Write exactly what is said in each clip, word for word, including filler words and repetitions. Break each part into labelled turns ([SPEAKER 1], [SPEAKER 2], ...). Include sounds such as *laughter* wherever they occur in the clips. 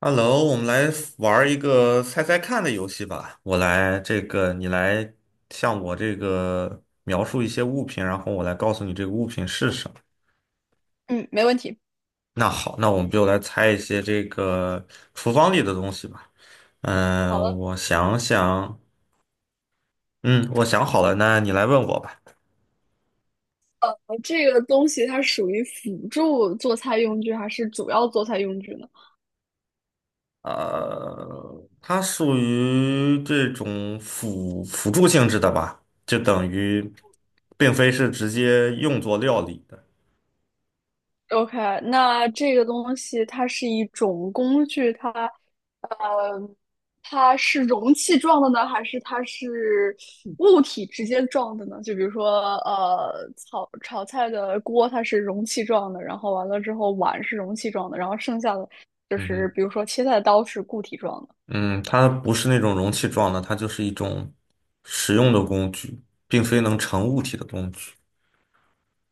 [SPEAKER 1] Hello,我们来玩儿一个猜猜看的游戏吧。我来这个，你来向我这个描述一些物品，然后我来告诉你这个物品是什么。
[SPEAKER 2] 嗯，没问题。
[SPEAKER 1] 那好，那我们就来猜一些这个厨房里的东西吧。
[SPEAKER 2] 好
[SPEAKER 1] 嗯，
[SPEAKER 2] 了，
[SPEAKER 1] 我想想，嗯，我想好了，那你来问我吧。
[SPEAKER 2] 呃，这个东西它属于辅助做菜用具还是主要做菜用具呢
[SPEAKER 1] 呃，它属于这种辅辅助性质的吧，就等于并非是直接用作料理的。
[SPEAKER 2] ？OK，那这个东西它是一种工具，它，呃，它是容器状的呢，还是它是物体直接状的呢？就比如说，呃，炒炒菜的锅它是容器状的，然后完了之后碗是容器状的，然后剩下的就
[SPEAKER 1] 嗯
[SPEAKER 2] 是
[SPEAKER 1] 哼。
[SPEAKER 2] 比如说切菜的刀是固体状的。
[SPEAKER 1] 嗯，它不是那种容器状的，它就是一种实用的工具，并非能成物体的工具。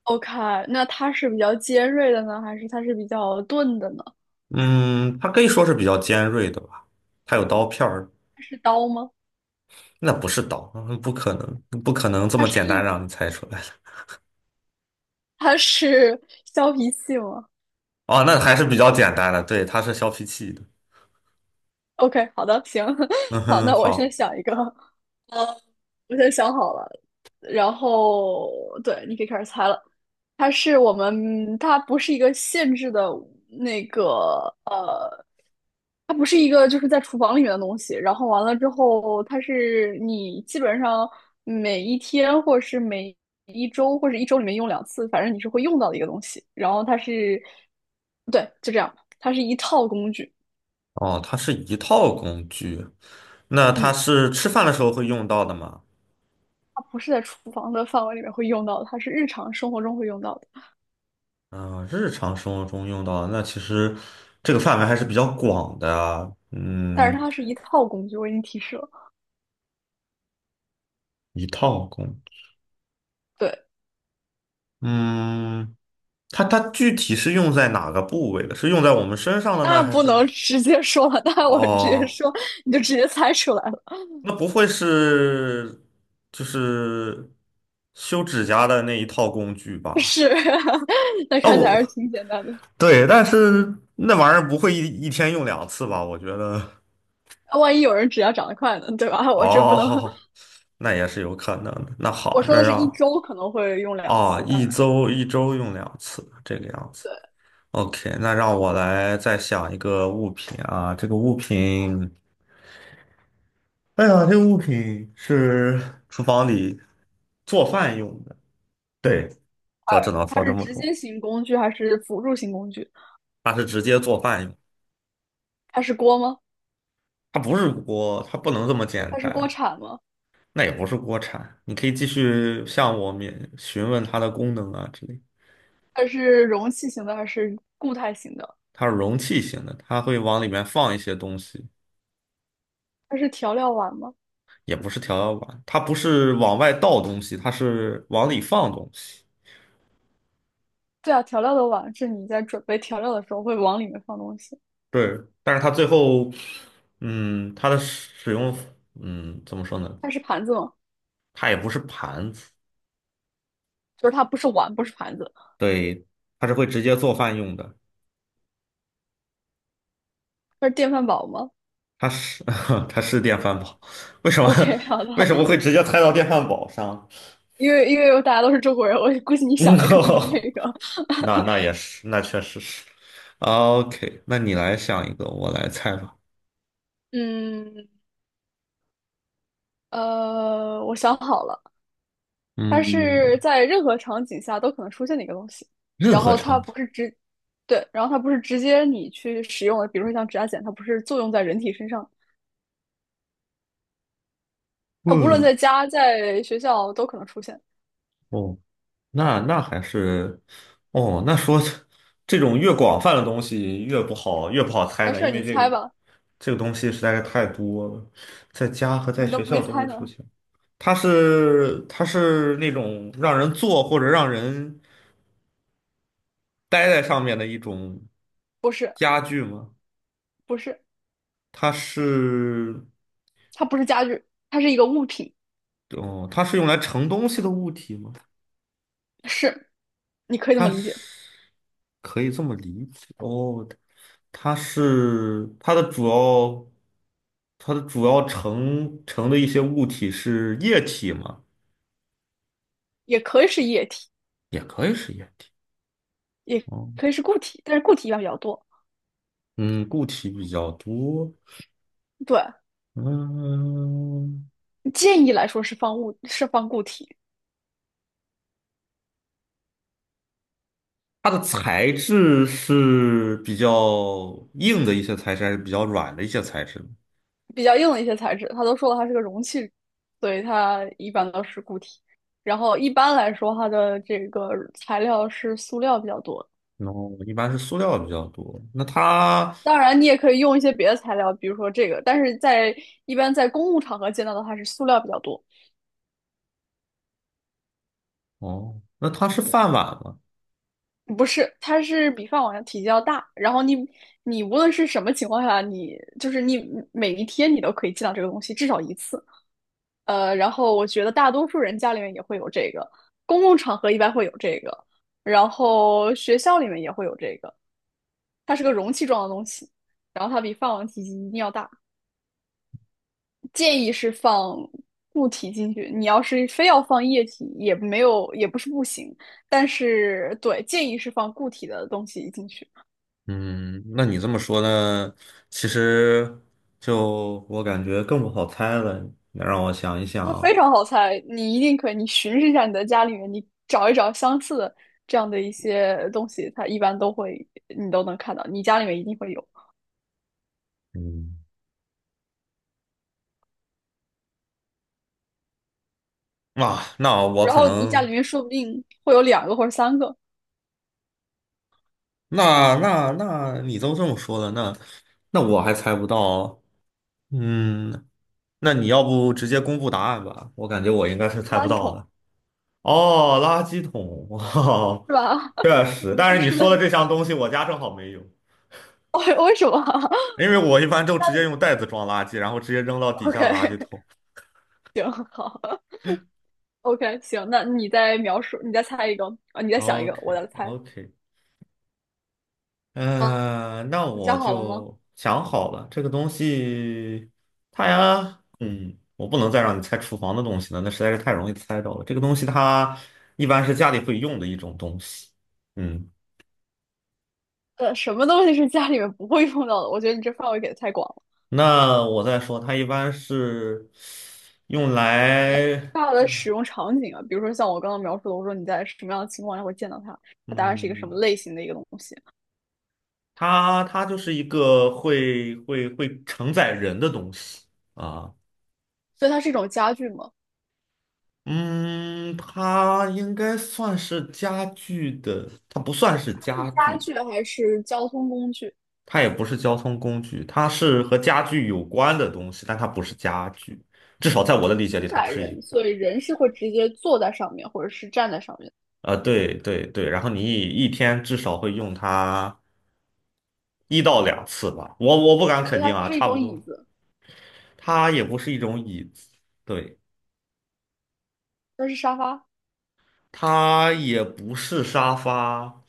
[SPEAKER 2] OK,那它是比较尖锐的呢，还是它是比较钝的呢？
[SPEAKER 1] 嗯，它可以说是比较尖锐的吧，它有刀片儿，
[SPEAKER 2] 它是刀吗？
[SPEAKER 1] 那不是刀，嗯不可能，不可能这
[SPEAKER 2] 它
[SPEAKER 1] 么
[SPEAKER 2] 是
[SPEAKER 1] 简单
[SPEAKER 2] 一，
[SPEAKER 1] 让你猜出来的。
[SPEAKER 2] 它是 *laughs* 削皮器吗
[SPEAKER 1] 哦，那还是比较简单的，对，它是削皮器的。
[SPEAKER 2] ？OK,好的，行，
[SPEAKER 1] 嗯
[SPEAKER 2] *laughs* 好，
[SPEAKER 1] 哼，
[SPEAKER 2] 那我先
[SPEAKER 1] 好。
[SPEAKER 2] 想一个。我先想好了，然后对，你可以开始猜了。它是我们，它不是一个限制的那个呃，它不是一个就是在厨房里面的东西。然后完了之后，它是你基本上每一天或者是每一周或者一周里面用两次，反正你是会用到的一个东西。然后它是，对，就这样，它是一套工具。
[SPEAKER 1] 哦，它是一套工具，那它
[SPEAKER 2] 嗯，
[SPEAKER 1] 是吃饭的时候会用到的吗？
[SPEAKER 2] 它不是在厨房的范围里面会用到的，它是日常生活中会用到的。
[SPEAKER 1] 嗯，日常生活中用到的那其实这个范围还是比较广的啊
[SPEAKER 2] 但是
[SPEAKER 1] 嗯，
[SPEAKER 2] 它是一套工具，我已经提示了。
[SPEAKER 1] 一套功，
[SPEAKER 2] 对，
[SPEAKER 1] 嗯，它它具体是用在哪个部位的？是用在我们身上的呢，
[SPEAKER 2] 那
[SPEAKER 1] 还
[SPEAKER 2] 不
[SPEAKER 1] 是？
[SPEAKER 2] 能直接说了，那我直接
[SPEAKER 1] 哦，
[SPEAKER 2] 说，你就直接猜出来了。
[SPEAKER 1] 那不会是就是修指甲的那一套工具吧？
[SPEAKER 2] 是，*laughs* 那看起来还是
[SPEAKER 1] 哦，
[SPEAKER 2] 挺简单的。
[SPEAKER 1] 对，但是那玩意儿不会一一天用两次吧？我觉得，
[SPEAKER 2] 万一有人指甲长得快呢，对吧？*laughs* 我这不能，
[SPEAKER 1] 哦，*laughs* 那也是有可能的。那
[SPEAKER 2] 我
[SPEAKER 1] 好，
[SPEAKER 2] 说
[SPEAKER 1] 那
[SPEAKER 2] 的是一
[SPEAKER 1] 让
[SPEAKER 2] 周可能会用两
[SPEAKER 1] 啊，
[SPEAKER 2] 次，大
[SPEAKER 1] 一
[SPEAKER 2] 概
[SPEAKER 1] 周一周用两次，这个样子。
[SPEAKER 2] 对，
[SPEAKER 1] OK,那让我来再想一个物品啊，这个物品，哎呀，这个物品是厨房里做饭用的，对，这只能
[SPEAKER 2] 它
[SPEAKER 1] 放
[SPEAKER 2] 是
[SPEAKER 1] 这么
[SPEAKER 2] 直
[SPEAKER 1] 多。
[SPEAKER 2] 接型工具还是辅助型工具？
[SPEAKER 1] 它是直接做饭用，
[SPEAKER 2] 它是锅吗？
[SPEAKER 1] 它不是锅，它不能这么简
[SPEAKER 2] 它是锅
[SPEAKER 1] 单，
[SPEAKER 2] 铲吗？
[SPEAKER 1] 那也不是锅铲。你可以继续向我们询问它的功能啊之类。
[SPEAKER 2] 它是容器型的还是固态型的？
[SPEAKER 1] 它是容器型的，它会往里面放一些东西，
[SPEAKER 2] 它是调料碗吗？
[SPEAKER 1] 也不是调料碗，它不是往外倒东西，它是往里放东西。
[SPEAKER 2] 对啊，调料的碗是你在准备调料的时候会往里面放东西。
[SPEAKER 1] 对，但是它最后，嗯，它的使用，嗯，怎么说呢？
[SPEAKER 2] 它是盘子吗？
[SPEAKER 1] 它也不是盘子，
[SPEAKER 2] 就是它不是碗，不是盘子，
[SPEAKER 1] 对，它是会直接做饭用的。
[SPEAKER 2] 它是电饭煲吗
[SPEAKER 1] 它是 *laughs* 它是电饭煲，为什么
[SPEAKER 2] ？OK,*laughs* 好
[SPEAKER 1] *laughs* 为
[SPEAKER 2] 的，
[SPEAKER 1] 什么会直接猜到电饭煲上？*laughs*
[SPEAKER 2] 因为因为大家都是中国人，我估计你
[SPEAKER 1] 嗯，
[SPEAKER 2] 想的可能是这个。
[SPEAKER 1] 那那也是，那确实是。OK,那你来想一个，我来猜吧。
[SPEAKER 2] 嗯，呃，我想好了，它
[SPEAKER 1] 嗯，
[SPEAKER 2] 是在任何场景下都可能出现的一个东西，
[SPEAKER 1] 任
[SPEAKER 2] 然
[SPEAKER 1] 何
[SPEAKER 2] 后它
[SPEAKER 1] 场景。
[SPEAKER 2] 不是直，对，然后它不是直接你去使用的，比如说像指甲剪，它不是作用在人体身上，它无论
[SPEAKER 1] 嗯，
[SPEAKER 2] 在家在学校都可能出现。
[SPEAKER 1] 哦，那那还是，哦，那说这种越广泛的东西越不好，越不好猜
[SPEAKER 2] 没
[SPEAKER 1] 呢，
[SPEAKER 2] 事
[SPEAKER 1] 因
[SPEAKER 2] 你
[SPEAKER 1] 为这
[SPEAKER 2] 猜
[SPEAKER 1] 个
[SPEAKER 2] 吧，
[SPEAKER 1] 这个东西实在是太多了，在家和在
[SPEAKER 2] 你都
[SPEAKER 1] 学
[SPEAKER 2] 没
[SPEAKER 1] 校都会
[SPEAKER 2] 猜
[SPEAKER 1] 出
[SPEAKER 2] 呢，
[SPEAKER 1] 现。它是它是那种让人坐或者让人待在上面的一种
[SPEAKER 2] 不是，
[SPEAKER 1] 家具吗？
[SPEAKER 2] 不是，
[SPEAKER 1] 它是，
[SPEAKER 2] 它不是家具，它是一个物品，
[SPEAKER 1] 哦，它是用来盛东西的物体吗？
[SPEAKER 2] 是，你可以这么
[SPEAKER 1] 它
[SPEAKER 2] 理解。
[SPEAKER 1] 是可以这么理解哦，它是它的主要它的主要成成的一些物体是液体吗？
[SPEAKER 2] 也可以是液体，
[SPEAKER 1] 也可以是液体
[SPEAKER 2] 也
[SPEAKER 1] 哦，
[SPEAKER 2] 可以是固体，但是固体一般比较多。
[SPEAKER 1] 嗯，固体比较多，
[SPEAKER 2] 对，
[SPEAKER 1] 嗯，
[SPEAKER 2] 建议来说是放物，是放固体，
[SPEAKER 1] 它的材质是比较硬的一些材质，还是比较软的一些材质呢？
[SPEAKER 2] 比较硬的一些材质，它都说了它是个容器，所以它一般都是固体。然后一般来说，它的这个材料是塑料比较多。
[SPEAKER 1] 然后一般是塑料比较多，那它
[SPEAKER 2] 当然，你也可以用一些别的材料，比如说这个，但是在一般在公共场合见到的话，它是塑料比较多。
[SPEAKER 1] 哦，那它是饭碗吗？
[SPEAKER 2] 不是，它是比饭碗的体积要大，然后你你无论是什么情况下，你就是你每一天你都可以见到这个东西至少一次。呃，然后我觉得大多数人家里面也会有这个，公共场合一般会有这个，然后学校里面也会有这个。它是个容器状的东西，然后它比饭碗体积一定要大。建议是放固体进去，你要是非要放液体，也没有，也不是不行。但是对，建议是放固体的东西进去。
[SPEAKER 1] 嗯，那你这么说呢？其实就我感觉更不好猜了。你让我想一
[SPEAKER 2] 它非
[SPEAKER 1] 想，
[SPEAKER 2] 常好猜，你一定可以，你巡视一下你的家里面，你找一找相似的这样的一些东西，它一般都会，你都能看到，你家里面一定会有。
[SPEAKER 1] 嗯，啊，那我
[SPEAKER 2] 然
[SPEAKER 1] 可
[SPEAKER 2] 后你家
[SPEAKER 1] 能，
[SPEAKER 2] 里面说不定会有两个或者三个
[SPEAKER 1] 那那那你都这么说了，那那我还猜不到。嗯，那你要不直接公布答案吧？我感觉我应该是猜不
[SPEAKER 2] 垃圾
[SPEAKER 1] 到
[SPEAKER 2] 桶，
[SPEAKER 1] 的。哦，垃圾桶，哦，
[SPEAKER 2] 是吧？
[SPEAKER 1] 确
[SPEAKER 2] *laughs*
[SPEAKER 1] 实。
[SPEAKER 2] 我
[SPEAKER 1] 但
[SPEAKER 2] 们
[SPEAKER 1] 是你
[SPEAKER 2] 是的。
[SPEAKER 1] 说的这项东西，我家正好没有，
[SPEAKER 2] 哦，为什么？OK
[SPEAKER 1] 因为我一般都
[SPEAKER 2] *laughs* 家
[SPEAKER 1] 直接
[SPEAKER 2] 里
[SPEAKER 1] 用袋子装垃圾，然后直接扔到底下的垃圾
[SPEAKER 2] OK,
[SPEAKER 1] 桶。
[SPEAKER 2] *laughs* OK,行，那你再描述，你再猜一个啊，你再想一个，
[SPEAKER 1] OK
[SPEAKER 2] 我再猜。
[SPEAKER 1] OK,
[SPEAKER 2] 啊，
[SPEAKER 1] 嗯、呃那
[SPEAKER 2] 你
[SPEAKER 1] 我
[SPEAKER 2] 想好了吗？
[SPEAKER 1] 就想好了，这个东西，它呀，嗯，我不能再让你猜厨房的东西了，那实在是太容易猜到了。这个东西它一般是家里会用的一种东西。嗯，
[SPEAKER 2] 呃，什么东西是家里面不会用到的？我觉得你这范围给的太广
[SPEAKER 1] 那我再说，它一般是用来，
[SPEAKER 2] 大的使用场景啊，比如说像我刚刚描述的，我说你在什么样的情况下会见到它，它大概是一个什
[SPEAKER 1] 嗯，
[SPEAKER 2] 么类型的一个东西，
[SPEAKER 1] 它它就是一个会会会承载人的东西啊。
[SPEAKER 2] 所以它是一种家具嘛，
[SPEAKER 1] 嗯，它应该算是家具的，它不算是家
[SPEAKER 2] 家
[SPEAKER 1] 具，
[SPEAKER 2] 具还是交通工具，
[SPEAKER 1] 它也不是交通工具，它是和家具有关的东西，但它不是家具，至少在我的理解里，
[SPEAKER 2] 承
[SPEAKER 1] 它不
[SPEAKER 2] 载
[SPEAKER 1] 是一
[SPEAKER 2] 人，
[SPEAKER 1] 个。
[SPEAKER 2] 所以人是会直接坐在上面或者是站在上面，
[SPEAKER 1] 呃，对对对，然后你一天至少会用它一到两次吧，我我不敢
[SPEAKER 2] 所
[SPEAKER 1] 肯
[SPEAKER 2] 以它
[SPEAKER 1] 定啊，
[SPEAKER 2] 是一
[SPEAKER 1] 差不
[SPEAKER 2] 种椅
[SPEAKER 1] 多。
[SPEAKER 2] 子，
[SPEAKER 1] 它也不是一种椅子，对，
[SPEAKER 2] 它是沙发。
[SPEAKER 1] 它也不是沙发，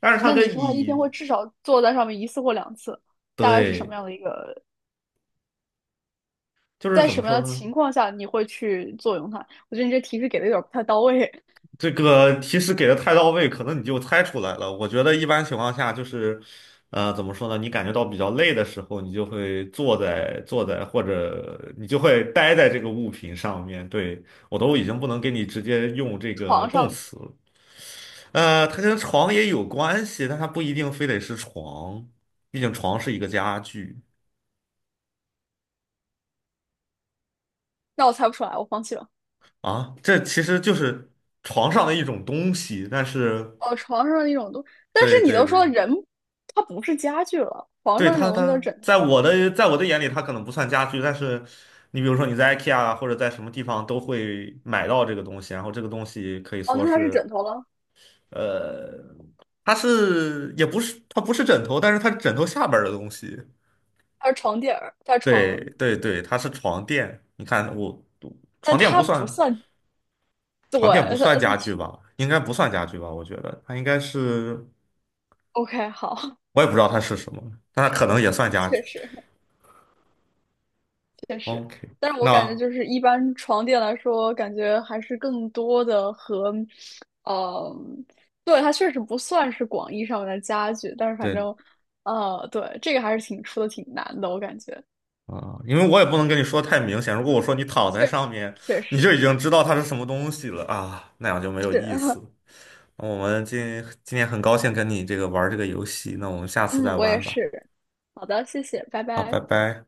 [SPEAKER 1] 但是它
[SPEAKER 2] 那你
[SPEAKER 1] 跟
[SPEAKER 2] 说它一天
[SPEAKER 1] 椅，
[SPEAKER 2] 会至少坐在上面一次或两次，大概是什么
[SPEAKER 1] 对，
[SPEAKER 2] 样的一个，
[SPEAKER 1] 就是
[SPEAKER 2] 在
[SPEAKER 1] 怎
[SPEAKER 2] 什
[SPEAKER 1] 么
[SPEAKER 2] 么
[SPEAKER 1] 说
[SPEAKER 2] 样的
[SPEAKER 1] 呢？
[SPEAKER 2] 情况下你会去作用它？我觉得你这提示给的有点不太到位，
[SPEAKER 1] 这个提示给的太到位，可能你就猜出来了。我觉得一般情况下就是，呃，怎么说呢？你感觉到比较累的时候，你就会坐在坐在，或者你就会待在这个物品上面。对，我都已经不能给你直接用这
[SPEAKER 2] *laughs*
[SPEAKER 1] 个
[SPEAKER 2] 床
[SPEAKER 1] 动
[SPEAKER 2] 上，
[SPEAKER 1] 词了呃，它跟床也有关系，但它不一定非得是床，毕竟床是一个家具
[SPEAKER 2] 那我猜不出来，我放弃了。
[SPEAKER 1] 啊。这其实就是床上的一种东西，但是
[SPEAKER 2] 哦，床上那种东，但是
[SPEAKER 1] 对
[SPEAKER 2] 你
[SPEAKER 1] 对
[SPEAKER 2] 都说
[SPEAKER 1] 对。
[SPEAKER 2] 人，它不是家具了，床
[SPEAKER 1] 对
[SPEAKER 2] 上那种
[SPEAKER 1] 它，
[SPEAKER 2] 东西叫
[SPEAKER 1] 它
[SPEAKER 2] 枕
[SPEAKER 1] 在
[SPEAKER 2] 头吗？
[SPEAKER 1] 我的在我的眼里，它可能不算家具，但是你比如说你在 I K E A 啊或者在什么地方都会买到这个东西，然后这个东西可以
[SPEAKER 2] 哦，
[SPEAKER 1] 说
[SPEAKER 2] 那它是
[SPEAKER 1] 是，
[SPEAKER 2] 枕头了，
[SPEAKER 1] 呃，它是也不是它不是枕头，但是它是枕头下边儿的东西。
[SPEAKER 2] 它是床垫儿，它是
[SPEAKER 1] 对
[SPEAKER 2] 床，
[SPEAKER 1] 对对，它是床垫。你看我
[SPEAKER 2] 但
[SPEAKER 1] 床垫不
[SPEAKER 2] 它不
[SPEAKER 1] 算
[SPEAKER 2] 算，对，
[SPEAKER 1] 床垫不算
[SPEAKER 2] 它它
[SPEAKER 1] 家具
[SPEAKER 2] 去
[SPEAKER 1] 吧？应该不算家具吧？我觉得它应该是，
[SPEAKER 2] ，OK,好，
[SPEAKER 1] 我也不知道它是什么，但它可能也算
[SPEAKER 2] *laughs*
[SPEAKER 1] 家
[SPEAKER 2] 确
[SPEAKER 1] 具。
[SPEAKER 2] 实确实，
[SPEAKER 1] OK,
[SPEAKER 2] 但是我感觉
[SPEAKER 1] 那。
[SPEAKER 2] 就是一般床垫来说，感觉还是更多的和，嗯，对，它确实不算是广义上面的家具，但是反
[SPEAKER 1] 对。
[SPEAKER 2] 正，呃，对，这个还是挺出的挺难的，我感觉，
[SPEAKER 1] 啊，因为我也不能跟你说太明显。如果我说你躺在
[SPEAKER 2] 确实
[SPEAKER 1] 上面，
[SPEAKER 2] 确
[SPEAKER 1] 你就已
[SPEAKER 2] 实
[SPEAKER 1] 经知道它是什么东西了啊，那样就没有
[SPEAKER 2] 是。
[SPEAKER 1] 意
[SPEAKER 2] *laughs*
[SPEAKER 1] 思。那我们今今天很高兴跟你这个玩儿这个游戏，那我们下次
[SPEAKER 2] 嗯，
[SPEAKER 1] 再
[SPEAKER 2] 我也
[SPEAKER 1] 玩吧。
[SPEAKER 2] 是。好的，谢谢，拜
[SPEAKER 1] 好，拜
[SPEAKER 2] 拜。
[SPEAKER 1] 拜。